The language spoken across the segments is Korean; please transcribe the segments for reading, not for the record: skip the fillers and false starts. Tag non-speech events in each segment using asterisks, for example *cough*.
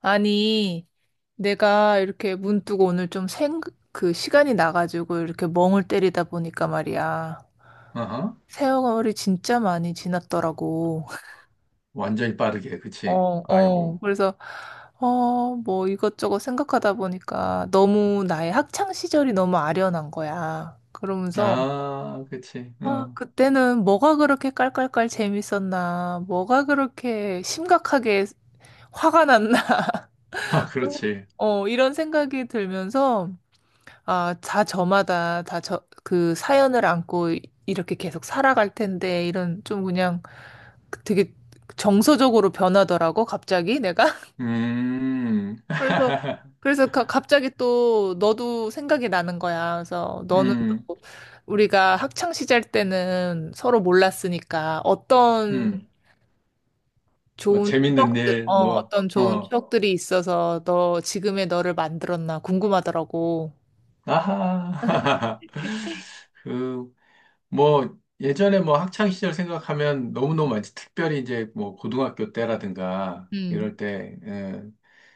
아니, 내가 이렇게 문득 오늘 좀 그 시간이 나가지고 이렇게 멍을 때리다 보니까 말이야. 아하. 세월이 진짜 많이 지났더라고. *laughs* 완전히 빠르게, 그치? 어, 어. 아이고. 그래서, 뭐 이것저것 생각하다 보니까 너무 나의 학창 시절이 너무 아련한 거야. 그러면서, 아, 그치. 아, 어. 그때는 뭐가 그렇게 깔깔깔 재밌었나, 뭐가 그렇게 심각하게 화가 났나, 아, *laughs* 그렇지. 어, 이런 생각이 들면서, 아, 다 저마다 그 사연을 안고 이렇게 계속 살아갈 텐데, 이런 좀 그냥 되게 정서적으로 변하더라고, 갑자기 내가. *laughs* 음. 그래서, *laughs* 갑자기 또 너도 생각이 나는 거야. 그래서 너는 음, 또 우리가 학창 시절 때는 서로 몰랐으니까 음. 뭐, 재밌는 일, 뭐, 어떤 좋은 어. 추억들이 있어서 너, 지금의 너를 만들었나 궁금하더라고. 아하. *laughs* 그, 뭐, 예전에 뭐 학창 시절 생각하면 너무너무 많지. 특별히 이제 뭐 고등학교 때라든가 음, 이럴 때, 예,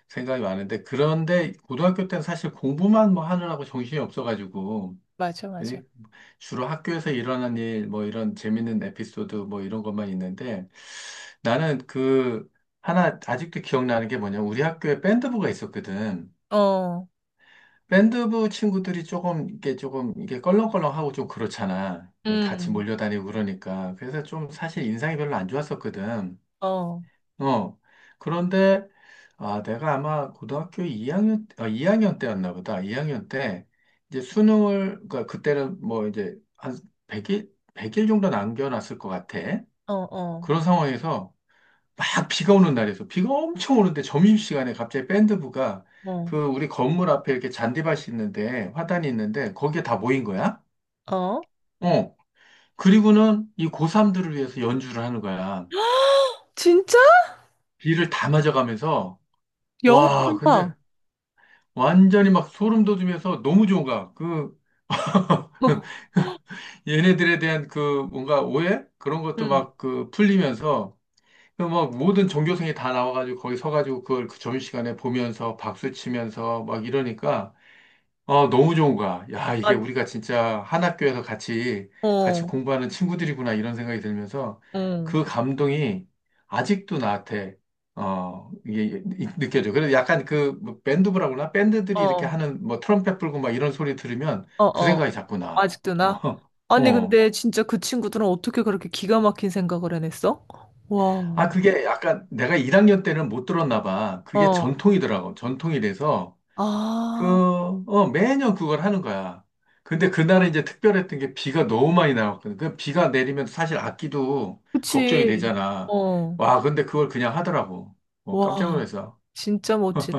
생각이 많은데. 그런데 고등학교 때는 사실 공부만 뭐 하느라고 정신이 없어가지고. 맞아, 맞아. 예, 주로 학교에서 일어난 일, 뭐 이런 재밌는 에피소드, 뭐 이런 것만 있는데 나는 그 하나 아직도 기억나는 게 뭐냐. 우리 학교에 밴드부가 있었거든. 어, 밴드부 친구들이 조금 이게 껄렁껄렁하고 좀 그렇잖아. 이게 같이 음. 몰려다니고 그러니까. 그래서 좀 사실 인상이 별로 안 좋았었거든. 어, 어. 그런데, 아, 내가 아마 고등학교 2학년, 아, 학년 때였나 보다. 2학년 때, 이제 수능을, 그러니까 그때는 뭐 이제 한 100일, 백일 정도 남겨놨을 것 같아. 어, 어, 그런 상황에서 막 비가 오는 날이었어. 비가 엄청 오는데 점심시간에 갑자기 밴드부가 어, 그 우리 건물 앞에 이렇게 잔디밭이 있는데, 화단이 있는데, 거기에 다 모인 거야. 어. 어. 그리고는 이 고3들을 위해서 연주를 하는 거야. 진짜? 비를 다 맞아가면서, 영어 와, 근데 봐. 완전히 막 소름 돋으면서 너무 좋은 거야. 그 어, *laughs* 얘네들에 대한 그 뭔가 오해? 그런 것도 응. 막 그 풀리면서 그막 모든 종교생이 다 나와가지고 거기 서가지고 그걸 그 점심시간에 보면서 박수 치면서 막 이러니까 어, 너무 좋은 거야. 야, 아, 이게 우리가 진짜 한 학교에서 같이, 같이 어, 공부하는 친구들이구나, 이런 생각이 들면서 응. 그 감동이 아직도 나한테, 어, 이게 느껴져. 그래서 약간 그뭐 밴드부라고 그러나? 밴드들이 이렇게 어, 하는 뭐 트럼펫 불고 막 이런 소리 들으면 어, 그 어. 생각이 자꾸 나. 아직도 나? 어, *laughs* 아니, 어. 근데 진짜 그 친구들은 어떻게 그렇게 기가 막힌 생각을 해냈어? 아, 와, 그게 약간 내가 1학년 때는 못 들었나 봐. 그게 어. 전통이더라고. 전통이 돼서. 그, 아, 어, 매년 그걸 하는 거야. 근데 그날은 이제 특별했던 게 비가 너무 많이 나왔거든. 그 비가 내리면 사실 악기도 걱정이 그치. 되잖아. 어, 와, 근데 그걸 그냥 하더라고. 어, 깜짝 와, 놀라서. 진짜 멋지네.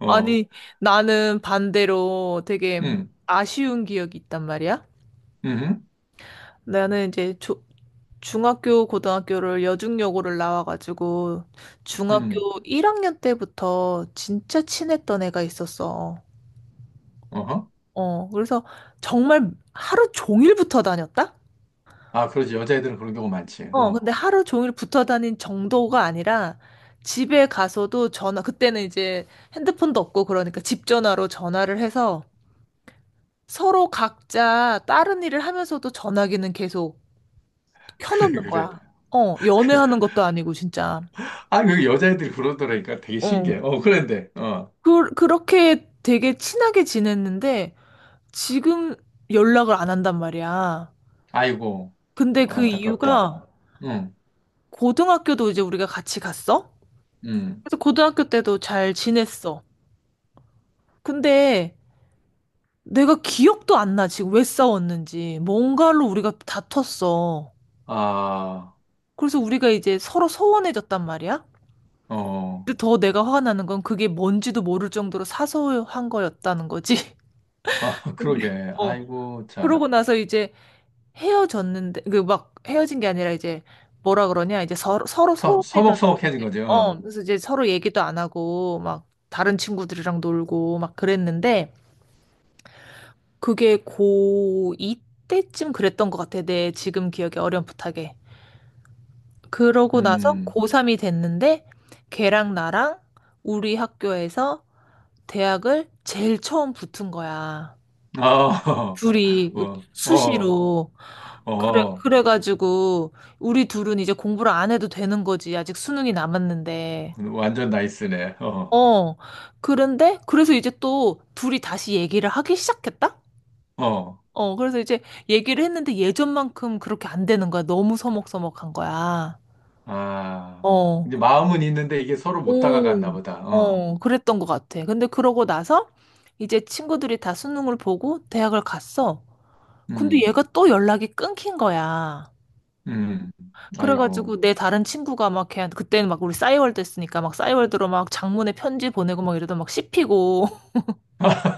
어, 아니, 나는 반대로 되게 음, 아쉬운 기억이 있단 말이야. 음, 나는 이제 조, 중학교, 고등학교를 여중여고를 나와가지고 음, 중학교 1학년 때부터 진짜 친했던 애가 있었어. 어허. 어, 그래서 정말 하루 종일 붙어 다녔다? 아, 그러지. 여자애들은 그런 경우 많지. 어, 어, 근데 하루 종일 붙어 다닌 정도가 아니라 집에 가서도 전화, 그때는 이제 핸드폰도 없고 그러니까 집 전화로 전화를 해서 서로 각자 다른 일을 하면서도 전화기는 계속 *laughs* 그래, 켜놓는 그래, 거야. 어, 그래. 연애하는 것도 아니고 진짜. 아, 그 여자애들이 그러더라니까 되게 어. 신기해. 어, 그런데, 어, 그렇게 되게 친하게 지냈는데 지금 연락을 안 한단 말이야. 아이고, 근데 그 안타깝다. 이유가 응, 고등학교도 이제 우리가 같이 갔어? 응, 그래서 고등학교 때도 잘 지냈어. 근데 내가 기억도 안 나, 지금 왜 싸웠는지. 뭔가로 우리가 다퉜어. 아, 그래서 우리가 이제 서로 서운해졌단 말이야. 어. 근데 더 내가 화가 나는 건 그게 뭔지도 모를 정도로 사소한 거였다는 거지. *laughs* 아, *laughs* 근데 그러게. 어. 아이고, 참. 그러고 나서 이제 헤어졌는데 그 막 헤어진 게 아니라 이제 뭐라 그러냐 이제 서로 서, 소홀해졌 서먹서먹해진 거죠. 어 어. 그래서 이제 서로 얘기도 안 하고 막 다른 친구들이랑 놀고 막 그랬는데 그게 고2 때쯤 그랬던 것 같아 내 지금 기억에 어렴풋하게 그러고 나서 음, 고3이 됐는데 걔랑 나랑 우리 학교에서 대학을 제일 처음 붙은 거야 아, 어, 둘이 *laughs* 어, 수시로 어, 그래 어, 그래가지고 우리 둘은 이제 공부를 안 해도 되는 거지. 아직 수능이 남았는데. 완전 나이스네. 어, 어. 그런데 그래서 이제 또 둘이 다시 얘기를 하기 시작했다? 어, 어. 그래서 이제 얘기를 했는데 예전만큼 그렇게 안 되는 거야. 너무 서먹서먹한 거야. 아, 어. 이제 마음은 있는데 이게 서로 못 다가갔나 오. 보다. 어, 어. 그랬던 것 같아. 근데 그러고 나서 이제 친구들이 다 수능을 보고 대학을 갔어. 근데 음, 얘가 또 연락이 끊긴 거야. 음, 아이고, 그래가지고 내 다른 친구가 막 걔한테 그때는 막 우리 싸이월드 했으니까 막 싸이월드로 막 장문의 편지 보내고 막 이러다 막 씹히고 *laughs* *laughs*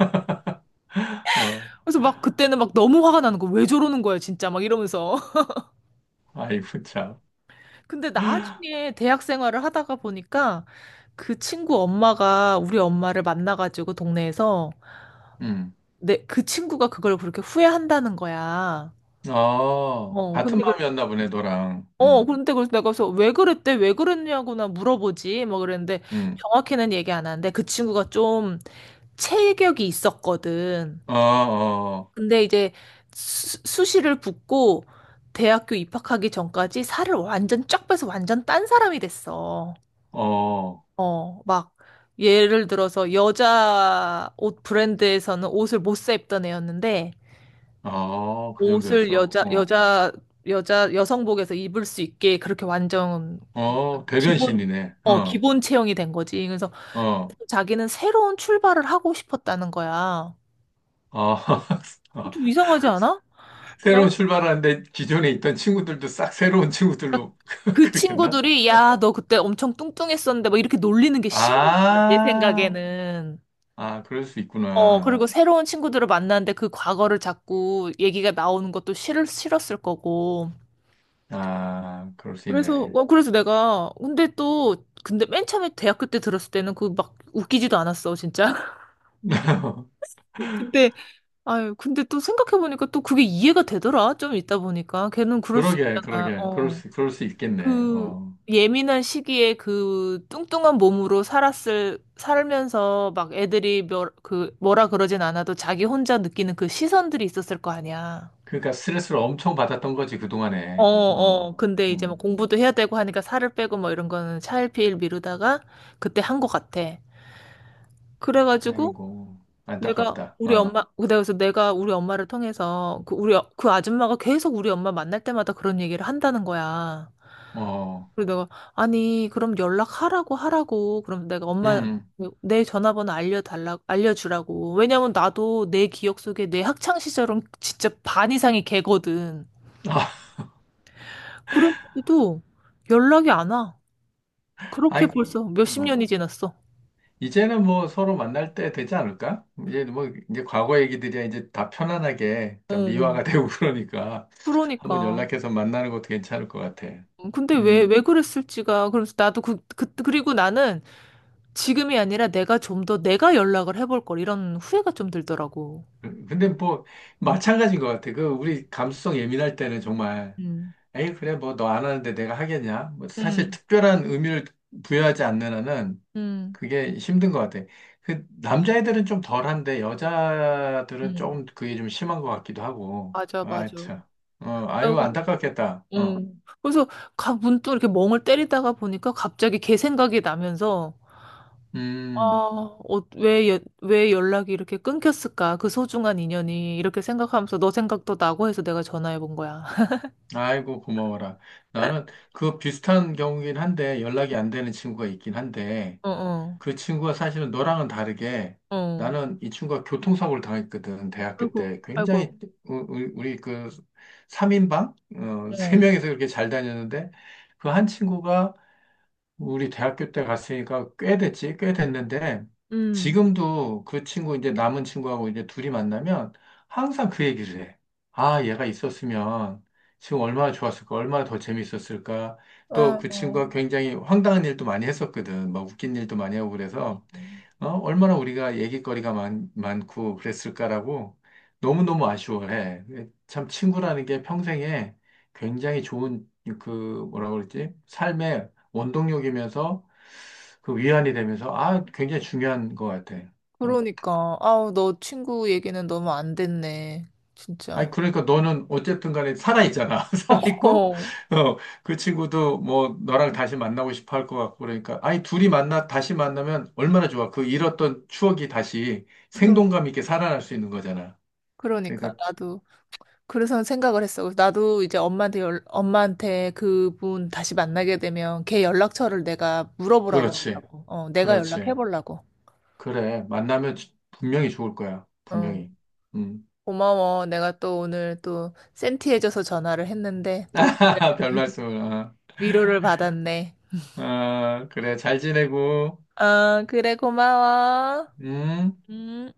어, 그래서 막 그때는 막 너무 화가 나는 거 왜 저러는 거야 진짜 막 이러면서 아이고, 참, *laughs* 근데 나중에 대학 생활을 하다가 보니까 그 친구 엄마가 우리 엄마를 만나가지고 동네에서 음, 내 그 친구가 그걸 그렇게 후회한다는 거야. 어, 어, 같은 근데 그, 마음이었나 보네, 너랑. 근데 그래서 내가 그래서 왜 그랬대? 왜 그랬냐고 나 물어보지? 뭐 그랬는데 음, 정확히는 얘기 안 하는데 그 친구가 좀 체격이 있었거든. 어, 어, 근데 이제 수시를 붙고 대학교 입학하기 전까지 살을 완전 쫙 빼서 완전 딴 사람이 됐어. 어, 어, 막 예를 들어서 여자 옷 브랜드에서는 옷을 못사 입던 애였는데 어, 그 옷을 정도였어. 여자 어, 여자 여자 여성복에서 입을 수 있게 그렇게 완전 어, 기본 대변신이네. 어, 기본 체형이 된 거지. 그래서 어. 자기는 새로운 출발을 하고 싶었다는 거야. 아, *laughs* 어, 아, 좀 이상하지 않아? 새로운 나 출발하는데 기존에 있던 친구들도 싹 새로운 막 친구들로 *laughs* 그 그러겠나? 친구들이 야, 너 그때 엄청 뚱뚱했었는데 막 이렇게 놀리는 게 싫은 거야, 내 아, 생각에는. 아, 그럴 수 어, 있구나. 그리고 새로운 친구들을 만났는데 그 과거를 자꾸 얘기가 나오는 것도 싫었을 거고. 아, 그럴 수 그래서, 있네. 어, 그래서 내가, 근데 또, 근데 맨 처음에 대학교 때 들었을 때는 그 막 웃기지도 않았어, 진짜. *laughs* *laughs* 근데, 아유, 근데 또 생각해보니까 또 그게 이해가 되더라, 좀 있다 보니까. 걔는 그럴 수 그러게, 있잖아, 그러게, 그럴 어. 수, 그럴 수 있겠네. 그 어, 예민한 시기에 그 뚱뚱한 몸으로 살면서 막 애들이 그 뭐라 그러진 않아도 자기 혼자 느끼는 그 시선들이 있었을 거 아니야. 그러니까 스트레스를 엄청 받았던 거지 어, 그동안에. 어, 어. 근데 이제 뭐 음, 공부도 해야 되고 하니까 살을 빼고 뭐 이런 거는 차일피일 미루다가 그때 한 것 같아. 그래가지고 아이고, 안타깝다. 어, 그래서 내가 우리 엄마를 통해서 그 우리, 그 아줌마가 계속 우리 엄마 만날 때마다 그런 얘기를 한다는 거야. 어, 그리고 내가 아니 그럼 연락하라고 하라고 그럼 내가 엄마 음, 내 전화번호 알려달라 알려주라고 왜냐면 나도 내 기억 속에 내 학창 시절은 진짜 반 이상이 걔거든 아, 그런데도 연락이 안 와 *laughs* 그렇게 아이, 벌써 몇십 어. 년이 지났어 이제는 뭐 서로 만날 때 되지 않을까? 이제 뭐 이제 과거 얘기들이야 이제 다 편안하게 다 어 미화가 *laughs* 되고 그러니까 한번 그러니까 연락해서 만나는 것도 괜찮을 것 같아. 근데 왜 음, 왜 그랬을지가 그래서 나도 그리고 나는 지금이 아니라 내가 좀 더 내가 연락을 해볼 걸 이런 후회가 좀 들더라고 근데 뭐 응 마찬가지인 것 같아. 그 우리 감수성 예민할 때는 정말 응 에이 그래 뭐 너 안 하는데 내가 하겠냐? 뭐 사실 응 특별한 의미를 부여하지 않는 한은 응 그게 힘든 것 같아. 그 남자애들은 좀 덜한데 여자들은 응. 조금 그게 좀 심한 것 같기도 하고. 맞아, 아, 맞아. 야, 참. 어, 그, 아유, 안타깝겠다. 어. 그래서 가, 문득 이렇게 멍을 때리다가 보니까 갑자기 걔 생각이 나면서 음, 왜 연락이 이렇게 끊겼을까? 그 소중한 인연이 이렇게 생각하면서 너 생각도 나고 해서 내가 전화해 본 거야. 아이고, 고마워라. 나는 *laughs* 그 비슷한 경우긴 한데 연락이 안 되는 친구가 있긴 한데 어, 어, 그 친구가 사실은 너랑은 다르게 어. 나는 이 친구가 교통사고를 당했거든. 대학교 아이고, 때 아이고, 굉장히 우리 그삼인방 어, 아이고. 어. *laughs* 세명이서 그렇게 잘 다녔는데 그 한 친구가 우리 대학교 때 갔으니까 꽤 됐지, 꽤 됐는데, 음. 지금도 그 친구, 이제 남은 친구하고 이제 둘이 만나면 항상 그 얘기를 해. 아, 얘가 있었으면 지금 얼마나 좋았을까, 얼마나 더 재밌었을까. 또 아, 그 어. 친구가 굉장히 황당한 일도 많이 했었거든. 막 웃긴 일도 많이 하고 그래서, 어, 얼마나 우리가 얘기거리가 많고 그랬을까라고 너무너무 아쉬워해. 참 친구라는 게 평생에 굉장히 좋은 그 뭐라 그러지? 삶의 원동력이면서 그 위안이 되면서 아 굉장히 중요한 것 같아. 그러니까. 아우, 너 친구 얘기는 너무 안 됐네. 아니 진짜. 그러니까 너는 어쨌든 간에 살아있잖아. *laughs* 살아있고 어, 어, 그 친구도 뭐 너랑 다시 만나고 싶어 할 것 같고 그러니까 아니 둘이 만나 다시 만나면 얼마나 좋아. 그 잃었던 추억이 다시 그러, 생동감 있게 살아날 수 있는 거잖아. 그러니까. 그러니까 나도. 그래서 생각을 했어. 그래서 나도 이제 엄마한테 그분 다시 만나게 되면 걔 연락처를 내가 물어보라고 그렇지. 하려고. 어, 내가 연락해 그렇지. 보려고. 그래. 만나면 분명히 좋을 거야. 분명히. 응. 음. 고마워. 내가 또 오늘 또 센티해져서 전화를 했는데 또 *laughs* 별 *laughs* 말씀을. 아, 위로를 받았네. 아, 그래. 잘 지내고. 아, 그래, 고마워. 음. 음.